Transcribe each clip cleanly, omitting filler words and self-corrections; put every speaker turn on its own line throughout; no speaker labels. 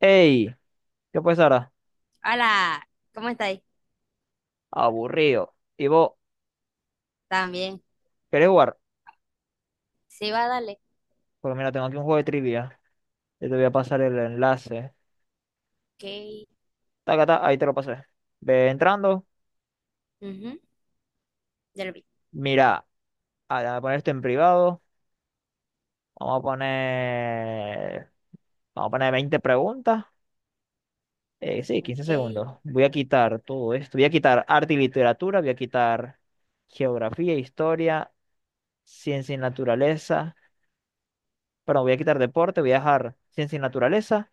Ey, ¿qué pasa ahora?
Hola, ¿cómo estáis?
Aburrido. ¿Y vos
También.
querés jugar?
Sí, va, dale.
Pues mira, tengo aquí un juego de trivia. Yo te voy a pasar el enlace.
Ok.
Taca, ta, ahí te lo pasé. Ve entrando.
Ujú, ya lo vi.
Mira, ah, voy a poner esto en privado. Vamos a poner. Vamos a poner 20 preguntas. Sí, 15
Ok.
segundos. Voy a quitar todo esto. Voy a quitar arte y literatura. Voy a quitar geografía, historia, ciencia y naturaleza. Perdón, voy a quitar deporte. Voy a dejar ciencia y naturaleza.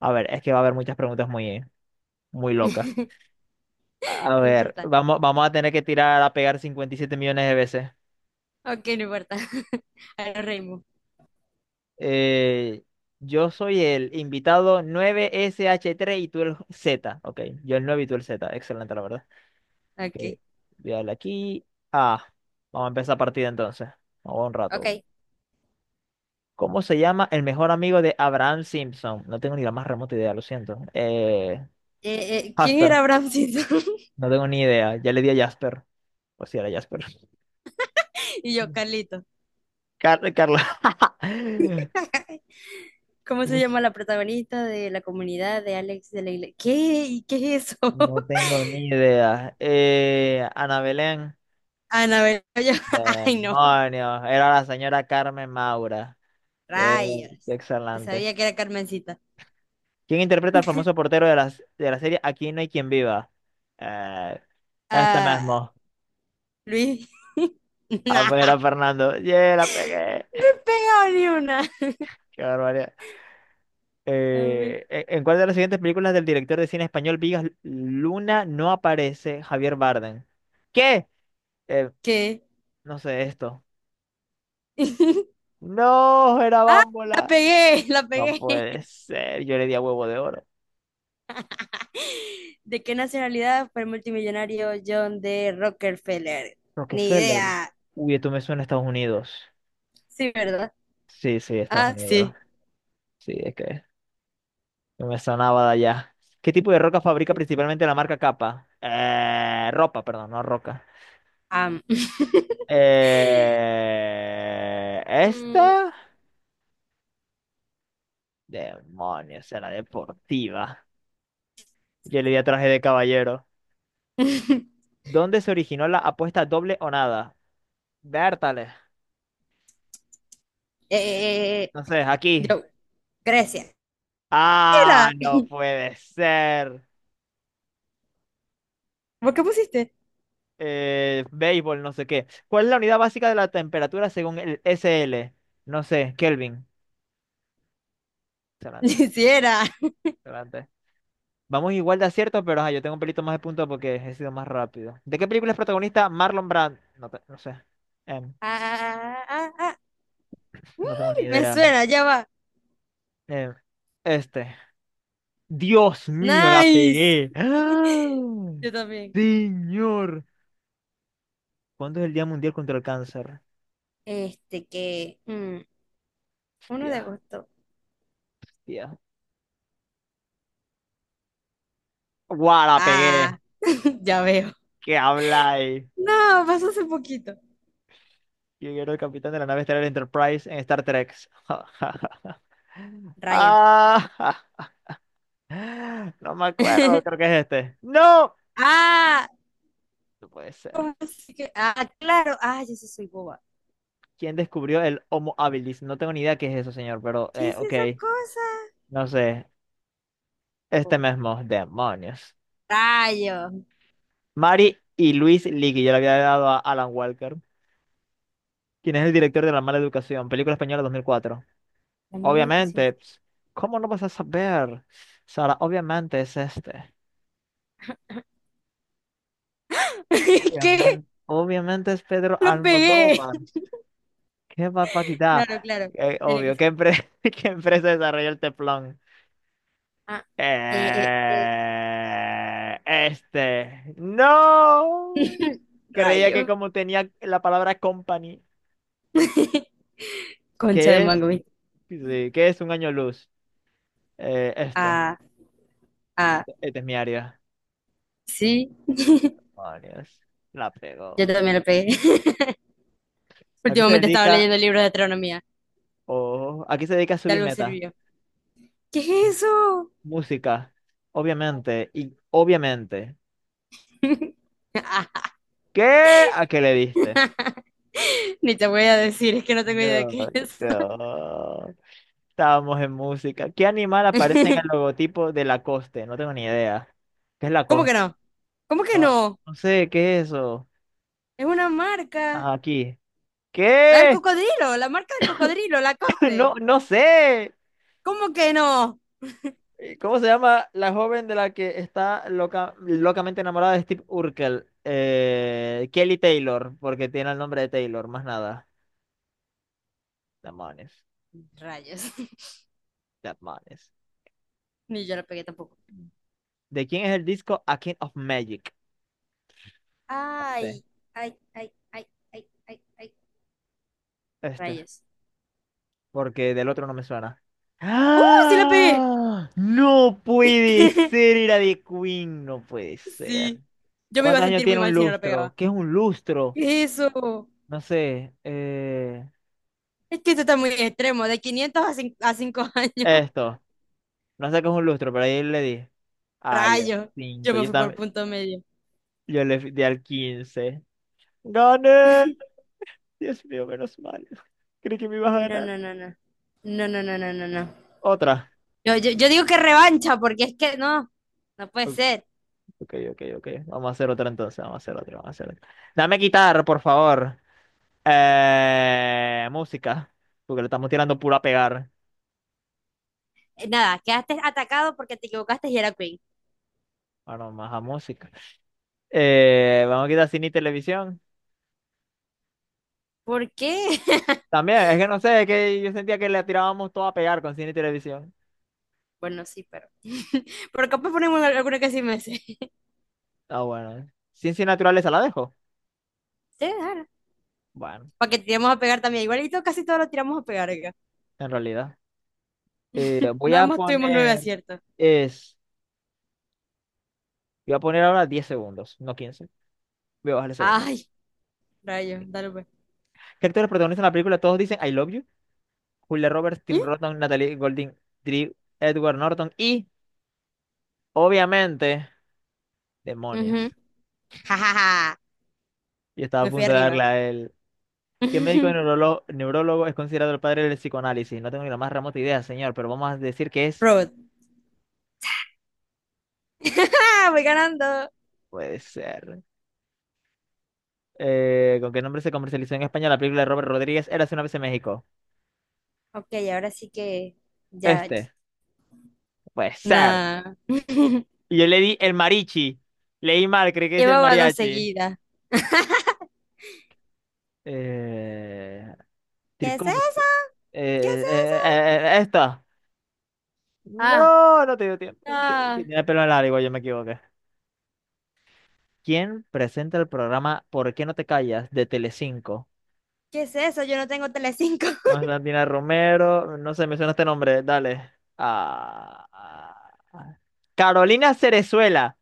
A ver, es que va a haber muchas preguntas muy locas. A
No
ver,
importa.
vamos a tener que tirar a pegar 57 millones de veces.
Ok, no importa. Ahora reímos.
Eh, yo soy el invitado 9 sh tres y tú el Z. Ok, yo el 9 y tú el Z. Excelente, la verdad.
Ok.
Ok, voy a darle aquí. Ah, Vamos a empezar partida entonces. Vamos un
Ok.
rato. ¿Cómo se llama el mejor amigo de Abraham Simpson? No tengo ni la más remota idea, lo siento.
¿Quién
Jasper,
era Bramcito?
no tengo ni idea. Ya le di a Jasper. Pues sí, era Jasper.
Y yo, Carlito.
Carla.
¿Cómo
¿Cómo?
se llama la protagonista de la comunidad de Alex de la Iglesia? ¿Qué? ¿Y qué es eso?
No tengo ni idea. Ana Belén,
Anabel. Yo- Ay, no.
demonios, era la señora Carmen Maura. Qué,
Rayos.
qué
Te
excelente.
sabía que era Carmencita.
¿Quién interpreta al famoso portero de la serie Aquí no hay quien viva? Eh, este
Ah,
mismo.
Luis.
A
Nah.
ver, a Fernando. ¡Yeah, la pegué!
No he pegado ni una.
¡Qué barbaridad!
A ver,
¿En cuál de las siguientes películas del director de cine español Vigas Luna no aparece Javier Bardem? ¿Qué? Eh,
¿qué?
no sé esto. ¡No! Era
¡Ah! La
Bámbola.
pegué, la
No
pegué.
puede ser, yo le di a huevo de oro.
¿De qué nacionalidad fue el multimillonario John D. Rockefeller? Ni
Rockefeller.
idea.
Uy, esto me suena a Estados Unidos.
Sí, ¿verdad?
Sí, sí, Estados
Ah,
Unidos.
sí.
Sí, es que no me sonaba de allá. ¿Qué tipo de roca fabrica
Sí.
principalmente la marca Capa? Ropa, perdón, no roca.
Am. Mm.
¿Esta? Demonios, era deportiva. Yo le di a traje de caballero. ¿Dónde se originó la apuesta doble o nada? Bertale.
Eh, eh, eh.
Entonces, aquí.
Yo, Grecia. Sí
Ah,
era.
no puede ser.
¿Vos qué pusiste?
Béisbol, no sé qué. ¿Cuál es la unidad básica de la temperatura según el S L? No sé, Kelvin. Excelente,
Sí era.
excelente. Vamos igual de acierto, pero ajá, yo tengo un pelito más de punto porque he sido más rápido. ¿De qué película es protagonista Marlon Brando? No, no sé. Em,
Ah, ah, ah, ah.
no tengo ni
Me
idea.
suena, ya va.
Em, este. Dios mío, la
Nice.
pegué. ¡Ah!
Yo también.
Señor. ¿Cuándo es el Día Mundial contra el Cáncer?
Este que
Hostia,
1 de agosto.
hostia. ¡Guau, la pegué!
Ah, ya veo.
¿Qué habláis?
No, pasó hace poquito.
Yo era el capitán de la nave estelar Enterprise en Star Trek.
Raya.
Ah, no me acuerdo, creo que es este. ¡No!
Ah,
No puede ser.
ah, claro. Ah, yo sí soy boba.
¿Quién descubrió el Homo habilis? No tengo ni idea qué es eso, señor, pero
¿Qué es
ok,
esa cosa?
no sé. Este
Oh,
mismo, demonios.
rayo.
Mary y Luis Ligui, yo le había dado a Alan Walker. ¿Quién es el director de La Mala Educación? Película española 2004.
La mala educación.
Obviamente, ps, ¿cómo no vas a saber? Sara, obviamente es este.
¿Qué?
Obviamente, obviamente es Pedro
Lo pegué.
Almodóvar. ¿Qué va papaquita?
Claro, claro. Tenía que
Obvio,
ser.
¿qué empresa desarrolló el teflón?
Ah, eh, eh,
Este. No.
eh.
Creía que
Rayo.
como tenía la palabra company,
Concha de
que es,
mango, ¿viste?
sí, que es un año luz. Esto.
Ah, ah,
Este es mi área.
sí.
Oh, Dios. La pegó.
Yo también lo pegué.
¿A qué se
Últimamente estaba
dedica?
leyendo libros de astronomía.
Oh, ¿a qué se dedica
De algo
Subimeta?
sirvió. ¿Qué es eso?
Música. Obviamente. Y obviamente. ¿Qué? ¿A qué le diste?
Ni te voy a decir, es que no tengo idea de
No,
qué es.
no. Estábamos en música. ¿Qué animal aparece en el logotipo de Lacoste? No tengo ni idea. ¿Qué es
¿Cómo que
Lacoste?
no? ¿Cómo que
No,
no?
no sé, ¿qué es eso?
Es una marca.
Ah, aquí.
La del
¿Qué?
cocodrilo, la marca del cocodrilo, la coste.
No, no sé.
¿Cómo que no?
¿Cómo se llama la joven de la que está loca, locamente enamorada de Steve Urkel? Kelly Taylor, porque tiene el nombre de Taylor, más nada. Demonios,
Rayos.
demonios.
Ni yo la pegué tampoco.
¿De quién es el disco A King of Magic? No sé.
Ay, ay, ay, ay, ay, ay, ay.
Este,
Rayos.
porque del otro no me suena.
¡Uh! ¡Sí la pegué!
¡Ah! No puede ser, era de Queen, no puede ser.
Sí. Yo me iba a
¿Cuántos años
sentir muy
tiene un
mal si no la
lustro?
pegaba.
¿Qué es un lustro?
¿Qué es eso?
No sé.
Es que esto está muy extremo, de 500 a 5 años.
Esto. No sé qué es un lustro, pero ahí le di. Ay, al
Rayo, yo
5.
me
Yo
fui por
también.
punto medio.
Yo le di al 15. ¡Gané! Dios mío, menos mal. Creí que me ibas a
No,
ganar.
no, no, no. No, no, no, no, no, no.
Otra.
Yo digo que revancha, porque es que no, no puede ser.
Ok, ok, ok. Vamos a hacer otra entonces, vamos a hacer otra, vamos a hacer otra. Dame quitar, por favor. Música, porque le estamos tirando puro a pegar.
Nada, quedaste atacado porque te equivocaste y era Queen.
Bueno, más a música. Vamos a quitar cine y televisión.
¿Por qué?
También, es que no sé, es que yo sentía que le tirábamos todo a pegar con cine y televisión.
Bueno, sí, pero. Pero capaz ponemos alguna que sí me sé.
Ah, bueno. Ciencias naturales, ¿la dejo?
Sí, dale.
Bueno,
Para que tiremos a pegar también. Igualito casi todos lo tiramos a pegar acá.
en realidad. Eh, voy
Nada
a
más tuvimos nueve
poner,
aciertos.
es, Voy a poner ahora 10 segundos, no 15. Voy a bajarle segundos.
Ay, rayo, dale pues.
¿Qué actores protagonizan la película? Todos dicen I love you. Julia Roberts,
¿Mm?
Tim Roton, Natalie Golding, Drew Edward Norton y, obviamente, demonios.
Ujú. Ja, ja, ja.
Y estaba a
Me fui
punto de darle
arriba.
a él. ¿Qué médico neurólogo es considerado el padre del psicoanálisis? No tengo ni la más remota idea, señor, pero vamos a decir que es.
Road. Ah, voy ganando.
Puede ser. ¿Con qué nombre se comercializó en España la película de Robert Rodríguez? Érase una vez en México.
Ok, ahora sí que ya.
Este. Puede ser.
Nah.
Y yo le di el marichi. Leí mal, creí que decía el
Llevaba dos
mariachi.
seguidas.
Eh,
¿Qué es eso?
tricop-
¿Qué es
eh,
eso?
Esto.
Ah,
No, no te dio tiempo. Que
ah,
tiene pelo en largo, yo me equivoqué. ¿Quién presenta el programa ¿Por qué no te callas? De Telecinco?
¿qué es eso? Yo no tengo Telecinco.
Constantina Romero, no sé, me suena este nombre, dale. Ah, ah. Carolina Cerezuela.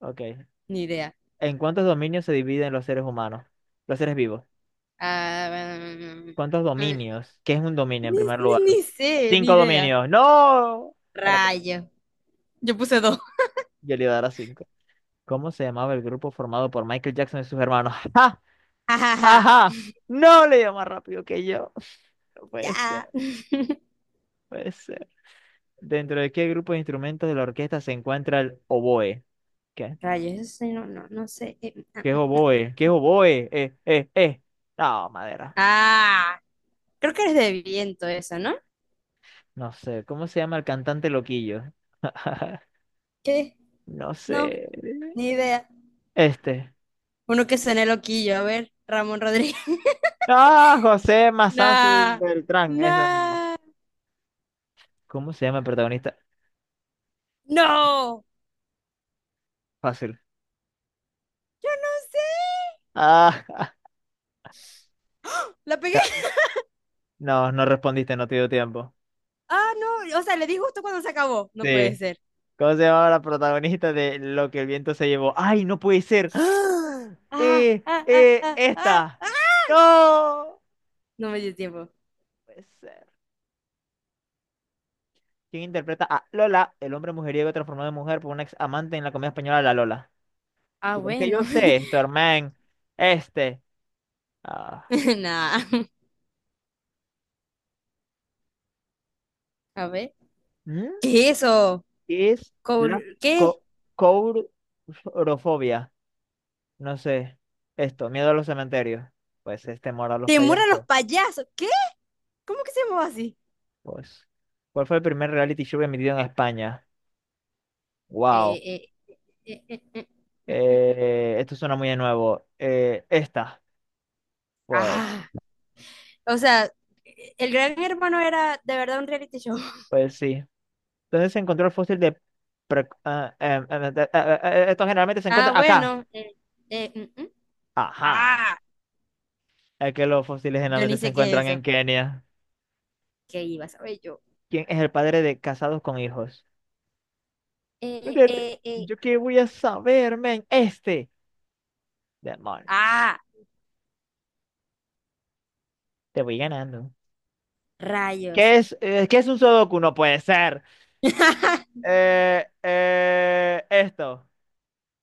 Ok.
Ni idea.
¿En cuántos dominios se dividen los seres humanos? Los seres vivos.
Ah,
¿Cuántos
mm,
dominios? ¿Qué es un dominio en
ni,
primer
ni-
lugar?
ni sé, ni
Cinco
idea.
dominios. ¡No! Espérate,
Rayo. Yo puse dos.
yo le iba a dar a cinco. ¿Cómo se llamaba el grupo formado por Michael Jackson y sus hermanos?
Jajaja.
Ajá, no le dio más rápido que yo. No puede
Ya.
ser, puede ser. ¿Dentro de qué grupo de instrumentos de la orquesta se encuentra el oboe? ¿Qué?
Rayo, eso sí, no, no, no sé.
¿Qué es oboe? ¿Qué es oboe? No, madera.
Ah, creo que eres de viento eso, ¿no?
No sé. ¿Cómo se llama el cantante loquillo?
¿Qué?
No
No,
sé.
ni idea.
Este.
Uno que suene loquillo, a ver, Ramón Rodríguez.
Ah, José Mazán
Nah,
Beltrán. Eso.
nah,
¿Cómo se llama el protagonista?
no, no
Fácil.
sé,
Ah,
la pegué.
no, no respondiste, no te dio tiempo.
Ah, no, o sea, le di justo cuando se acabó. No puede
Sí.
ser.
¿Cómo se llamaba la protagonista de Lo que el viento se llevó? ¡Ay, no puede ser! ¡Ah!
Ah, ah, ah, ah, ah,
Esta.
ah.
¡No! No
No me dio tiempo.
puede ser. ¿Quién interpreta a Lola, el hombre mujeriego transformado en mujer por una ex amante en la comedia española La Lola?
Ah,
¿Tú crees que
bueno,
yo sé esto, hermano? Este. Ah,
nah, a ver,
¿mm?
¿qué es eso?
¿Qué es la
Col- ¿qué?
co courofobia? No sé. Esto, miedo a los cementerios. Pues es temor a los
¿Temor a los
payasos.
payasos? ¿Qué? ¿Cómo que se llamaba así?
Pues, ¿cuál fue el primer reality show emitido en España? Wow,
Eh, eh, eh, eh, eh, eh, eh. Eh.
esto suena muy de nuevo. Esta, pues,
Ah, o sea, el Gran Hermano era de verdad un reality show.
pues sí. Entonces se encontró el fósil de... esto generalmente se
Ah,
encuentra acá.
bueno. Mm, mm.
Ajá.
Ah,
Es que los fósiles
yo
generalmente
ni
se
sé qué
encuentran
es
en
eso.
Kenia.
¿Qué iba a saber yo?
¿Quién es el padre de casados con hijos?
Eh,
Brother,
eh, eh.
¿yo qué voy a saber, men? Este. Demonios.
Ah,
Te voy ganando.
rayos.
¿Qué es un sudoku? No puede ser. Esto.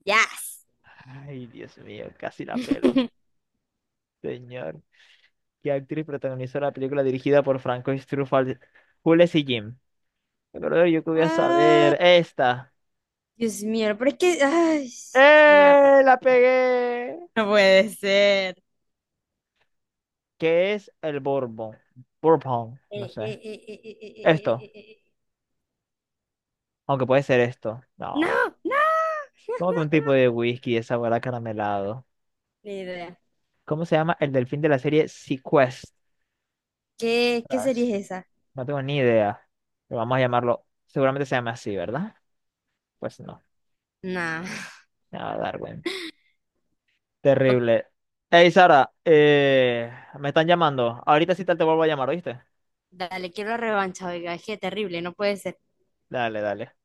Yes.
Ay, Dios mío, casi la pelo. Señor. Que actriz protagonizó la película dirigida por Francois Truffaut, Jules y Jim? Pero yo que voy a
Ah,
saber. Esta.
Dios mío, pero es que... Ay, no puede
¡Eh! ¡La
ser.
pegué!
No puede ser.
¿Qué es el Bourbon? Bourbon, no sé. Esto,
Eh.
aunque puede ser esto. No.
No, no.
Como que un tipo de whisky de sabor acaramelado.
Ni idea.
¿Cómo se llama el delfín de la serie Sequestras?
¿Qué, qué serie es esa?
No tengo ni idea. Pero vamos a llamarlo. Seguramente se llama así, ¿verdad? Pues no.
Nah.
Nada, Darwin.
Ok,
Terrible. Hey, Sara, me están llamando. Ahorita sí tal te vuelvo a llamar, ¿oíste?
dale, quiero revancha, oiga, es que terrible, no puede ser.
Dale, dale.